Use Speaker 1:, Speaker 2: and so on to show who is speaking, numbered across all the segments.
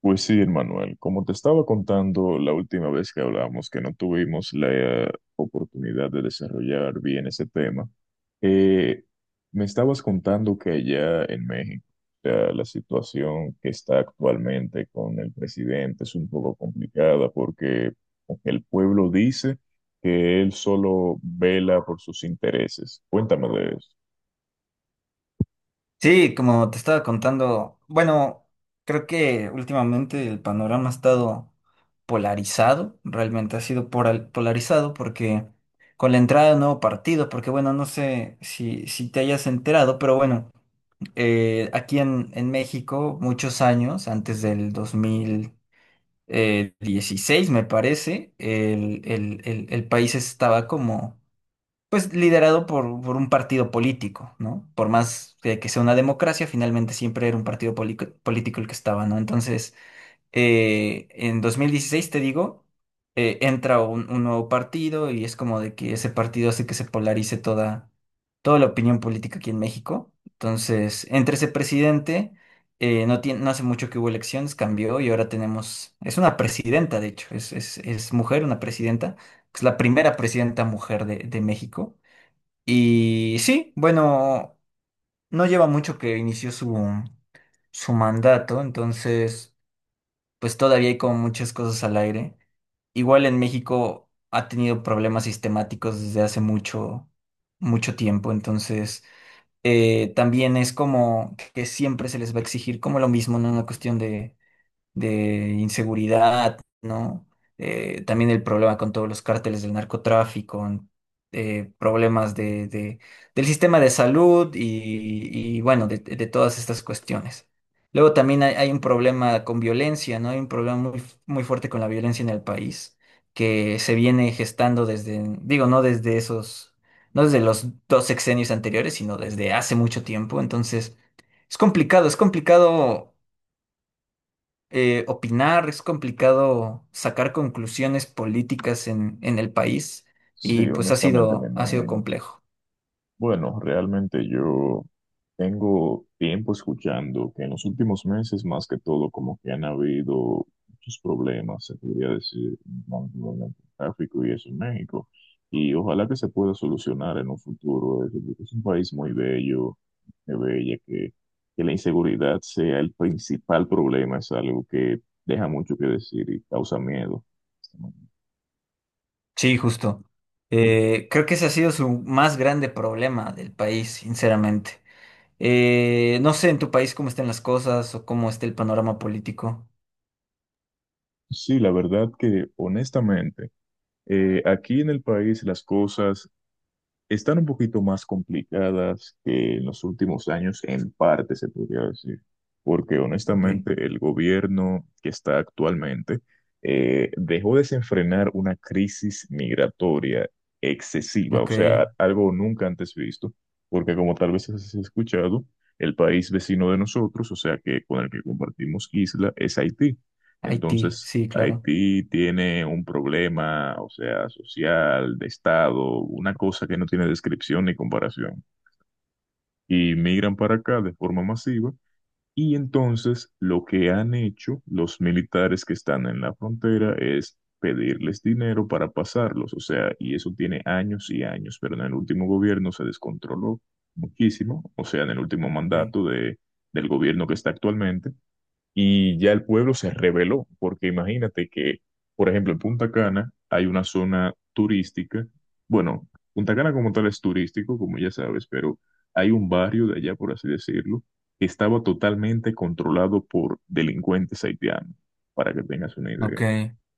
Speaker 1: Pues sí, Manuel, como te estaba contando la última vez que hablamos, que no tuvimos la oportunidad de desarrollar bien ese tema, eh, me estabas contando que allá en México, o sea, la situación que está actualmente con el presidente es un poco complicada porque el pueblo dice que él solo vela por sus intereses. Cuéntame de eso.
Speaker 2: Sí, como te estaba contando, bueno, creo que últimamente el panorama ha estado polarizado, realmente ha sido polarizado porque con la entrada de un nuevo partido, porque bueno, no sé si te hayas enterado, pero bueno, aquí en México, muchos años, antes del dos mil dieciséis, me parece, el país estaba como pues liderado por un partido político, ¿no? Por más que sea una democracia, finalmente siempre era un partido político el que estaba, ¿no? Entonces, en 2016 te digo, entra un nuevo partido y es como de que ese partido hace que se polarice toda la opinión política aquí en México. Entonces, entre ese presidente, no tiene, no hace mucho que hubo elecciones, cambió y ahora tenemos, es una presidenta, de hecho, es mujer, una presidenta, es la primera presidenta mujer de México. Y sí, bueno, no lleva mucho que inició su, su mandato, entonces pues todavía hay como muchas cosas al aire. Igual en México ha tenido problemas sistemáticos desde hace mucho, mucho tiempo, entonces también es como que siempre se les va a exigir como lo mismo, no una cuestión de inseguridad, ¿no? También el problema con todos los cárteles del narcotráfico, problemas del sistema de salud bueno, de todas estas cuestiones. Luego también hay un problema con violencia, ¿no? Hay un problema muy, muy fuerte con la violencia en el país, que se viene gestando desde, digo, no desde esos, no desde los dos sexenios anteriores, sino desde hace mucho tiempo. Entonces, es complicado opinar, es complicado sacar conclusiones políticas en el país y
Speaker 1: Sí,
Speaker 2: pues
Speaker 1: honestamente me
Speaker 2: ha sido
Speaker 1: imagino.
Speaker 2: complejo.
Speaker 1: Bueno, realmente yo tengo tiempo escuchando que en los últimos meses, más que todo, como que han habido muchos problemas, se podría decir, con el tráfico y eso en México. Y ojalá que se pueda solucionar en un futuro. Es un país muy bello, muy bella, que la inseguridad sea el principal problema, es algo que deja mucho que decir y causa miedo.
Speaker 2: Sí, justo. Creo que ese ha sido su más grande problema del país, sinceramente. No sé en tu país cómo están las cosas o cómo está el panorama político.
Speaker 1: Sí, la verdad que honestamente, aquí en el país las cosas están un poquito más complicadas que en los últimos años, en parte se podría decir, porque
Speaker 2: Ok.
Speaker 1: honestamente el gobierno que está actualmente dejó desenfrenar una crisis migratoria excesiva, o
Speaker 2: Ok.
Speaker 1: sea, algo nunca antes visto, porque como tal vez has escuchado, el país vecino de nosotros, o sea, que con el que compartimos isla, es Haití.
Speaker 2: Haití,
Speaker 1: Entonces,
Speaker 2: sí, claro.
Speaker 1: Haití tiene un problema, o sea, social, de Estado, una cosa que no tiene descripción ni comparación. Y migran para acá de forma masiva. Y entonces lo que han hecho los militares que están en la frontera es pedirles dinero para pasarlos. O sea, y eso tiene años y años, pero en el último gobierno se descontroló muchísimo, o sea, en el último
Speaker 2: Ok.
Speaker 1: mandato de, del gobierno que está actualmente y ya el pueblo se rebeló, porque imagínate que, por ejemplo, en Punta Cana hay una zona turística, bueno, Punta Cana como tal es turístico, como ya sabes, pero hay un barrio de allá, por así decirlo, que estaba totalmente controlado por delincuentes haitianos, para que tengas una idea.
Speaker 2: Ok.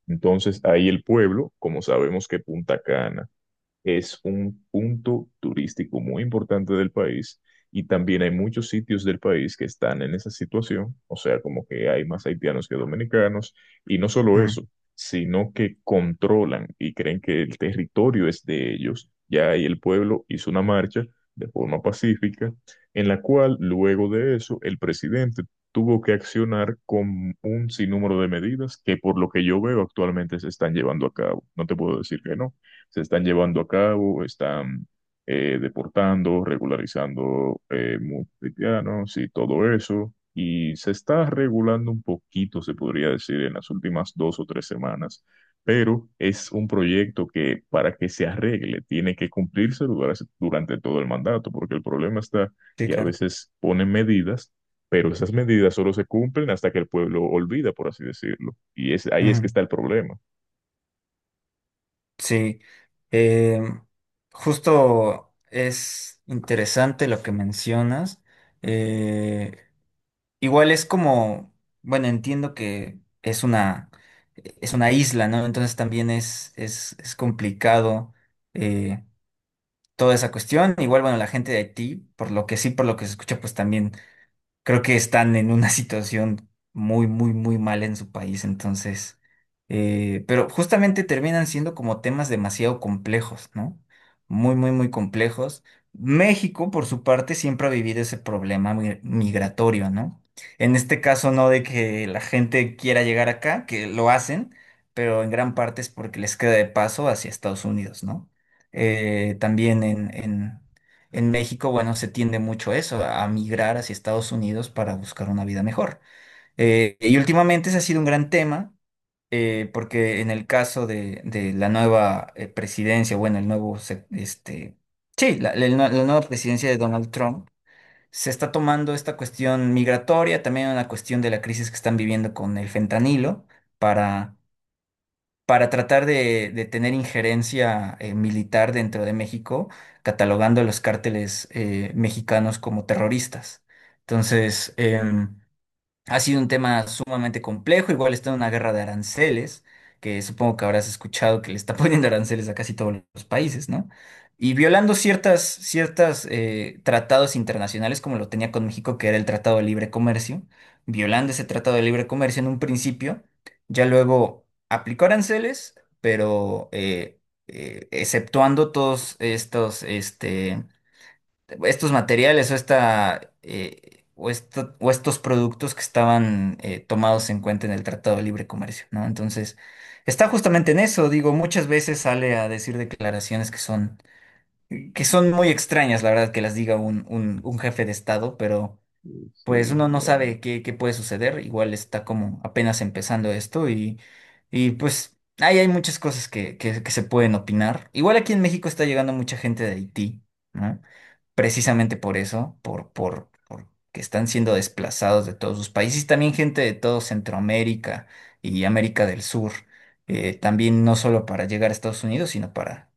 Speaker 1: Entonces, ahí el pueblo, como sabemos que Punta Cana es un punto turístico muy importante del país y también hay muchos sitios del país que están en esa situación, o sea, como que hay más haitianos que dominicanos y no solo eso,
Speaker 2: Mm,
Speaker 1: sino que controlan y creen que el territorio es de ellos. Ya ahí el pueblo hizo una marcha de forma pacífica en la cual luego de eso el presidente tuvo que accionar con un sinnúmero de medidas que por lo que yo veo actualmente se están llevando a cabo. No te puedo decir que no se están llevando a cabo, están deportando, regularizando muchos haitianos y todo eso. Y se está regulando un poquito, se podría decir, en las últimas dos o tres semanas. Pero es un proyecto que para que se arregle tiene que cumplirse durante todo el mandato, porque el problema está
Speaker 2: sí,
Speaker 1: que a
Speaker 2: claro.
Speaker 1: veces ponen medidas pero esas medidas solo se cumplen hasta que el pueblo olvida, por así decirlo. Y es, ahí es que
Speaker 2: Ujú.
Speaker 1: está el problema.
Speaker 2: Sí, eh, justo es interesante lo que mencionas. Eh, igual es como, bueno, entiendo que es una isla, ¿no? Entonces también es complicado eh, toda esa cuestión. Igual, bueno, la gente de Haití, por lo que sí, por lo que se escucha, pues también creo que están en una situación muy, muy, muy mal en su país, entonces, pero justamente terminan siendo como temas demasiado complejos, ¿no? Muy, muy, muy complejos. México, por su parte, siempre ha vivido ese problema migratorio, ¿no? En este caso, no de que la gente quiera llegar acá, que lo hacen, pero en gran parte es porque les queda de paso hacia Estados Unidos, ¿no? También en México, bueno, se tiende mucho eso, a migrar hacia Estados Unidos para buscar una vida mejor. Y últimamente ese ha sido un gran tema, porque en el caso de la nueva presidencia, bueno, el nuevo, se- este, sí, la nueva presidencia de Donald Trump, se está tomando esta cuestión migratoria, también una cuestión de la crisis que están viviendo con el fentanilo, para para tratar de tener injerencia militar dentro de México, catalogando a los cárteles mexicanos como terroristas. Entonces, ha sido un tema sumamente complejo, igual está en una guerra de aranceles, que supongo que habrás escuchado que le está poniendo aranceles a casi todos los países, ¿no? Y violando ciertas tratados internacionales, como lo tenía con México, que era el Tratado de Libre Comercio, violando ese Tratado de Libre Comercio en un principio, ya luego aplicó aranceles, pero exceptuando todos estos, este estos materiales o esta o estos productos que estaban tomados en cuenta en el Tratado de Libre Comercio, ¿no? Entonces, está justamente en eso, digo, muchas veces sale a decir declaraciones que son muy extrañas, la verdad, que las diga un jefe de Estado, pero pues
Speaker 1: Sí,
Speaker 2: uno no sabe qué, qué puede suceder, igual está como apenas empezando esto y pues ahí hay muchas cosas que se pueden opinar. Igual aquí en México está llegando mucha gente de Haití, ¿no? Precisamente por eso, por que están siendo desplazados de todos sus países, y también gente de todo Centroamérica y América del Sur, también no solo para llegar a Estados Unidos, sino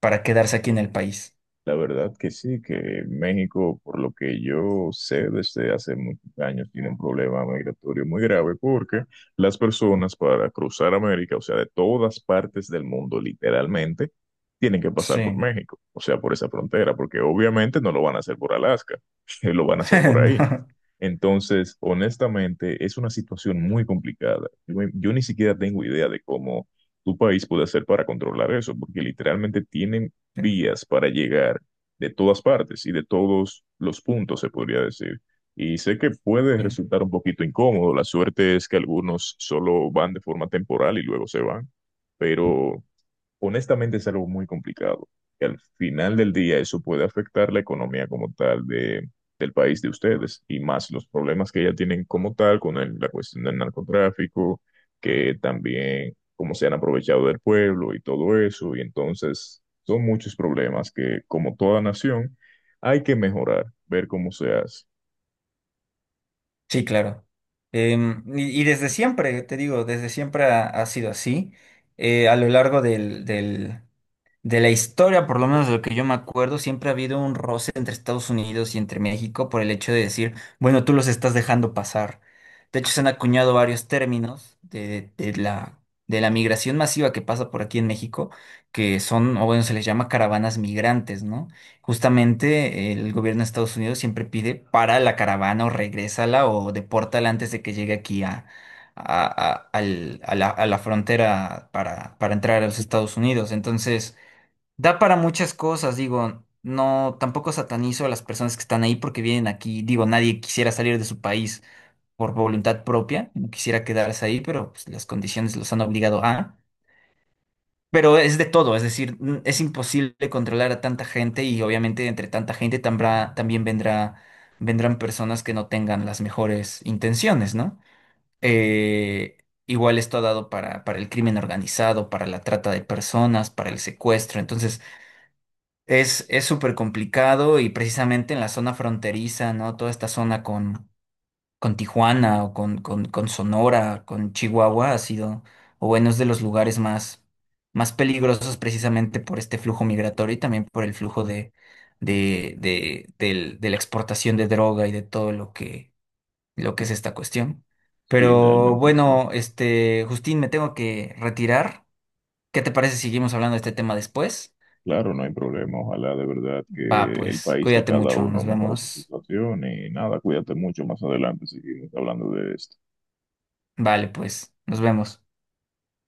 Speaker 2: para quedarse aquí en el país.
Speaker 1: la verdad que sí, que México, por lo que yo sé desde hace muchos años, tiene un problema migratorio muy grave porque las personas para cruzar América, o sea, de todas partes del mundo, literalmente, tienen que pasar por
Speaker 2: Sí.
Speaker 1: México, o sea, por esa frontera, porque obviamente no lo van a hacer por Alaska, lo van a hacer por ahí.
Speaker 2: No.
Speaker 1: Entonces, honestamente, es una situación muy complicada. Yo ni siquiera tengo idea de cómo tu país puede hacer para controlar eso, porque literalmente tienen
Speaker 2: Sí,
Speaker 1: vías para llegar de todas partes y de todos los puntos, se podría decir. Y sé que puede
Speaker 2: sí.
Speaker 1: resultar un poquito incómodo. La suerte es que algunos solo van de forma temporal y luego se van, pero honestamente es algo muy complicado. Y al final del día eso puede afectar la economía como tal de, del país de ustedes y más los problemas que ya tienen como tal con el- la cuestión del narcotráfico, que también cómo se han aprovechado del pueblo y todo eso. Y entonces son muchos problemas que como toda nación hay que mejorar, ver cómo se hace.
Speaker 2: Sí, claro. Em, y desde siempre, te digo, desde siempre ha sido así. A lo largo de la historia, por lo menos de lo que yo me acuerdo, siempre ha habido un roce entre Estados Unidos y entre México por el hecho de decir, bueno, tú los estás dejando pasar. De hecho, se han acuñado varios términos de la migración masiva que pasa por aquí en México, que son, o bueno, se les llama caravanas migrantes, ¿no? Justamente el gobierno de Estados Unidos siempre pide para la caravana o regrésala o depórtala antes de que llegue aquí a la frontera para entrar a los Estados Unidos. Entonces, da para muchas cosas, digo, no, tampoco satanizo a las personas que están ahí porque vienen aquí, digo, nadie quisiera salir de su país por voluntad propia, no quisiera quedarse ahí, pero pues, las condiciones los han obligado a. Pero es de todo, es decir, es imposible controlar a tanta gente y obviamente entre tanta gente también vendrá, vendrán personas que no tengan las mejores intenciones, ¿no? Eh, igual esto ha dado para el crimen organizado, para la trata de personas, para el secuestro, entonces, es súper complicado y precisamente en la zona fronteriza, ¿no? Toda esta zona con Tijuana o con Sonora, con Chihuahua ha sido, o bueno, es de los lugares más, más peligrosos precisamente por este flujo migratorio y también por el flujo de la exportación de droga y de todo lo que es esta cuestión.
Speaker 1: Sí,
Speaker 2: Pero
Speaker 1: realmente sí.
Speaker 2: bueno, este, Justín, me tengo que retirar. ¿Qué te parece si seguimos hablando de este tema después?
Speaker 1: Claro, no hay problema. Ojalá de verdad que
Speaker 2: Va,
Speaker 1: el
Speaker 2: pues,
Speaker 1: país de
Speaker 2: cuídate
Speaker 1: cada
Speaker 2: mucho,
Speaker 1: uno
Speaker 2: nos
Speaker 1: mejore su
Speaker 2: vemos.
Speaker 1: situación y nada, cuídate mucho. Más adelante seguimos hablando de esto.
Speaker 2: Vale, pues, nos vemos.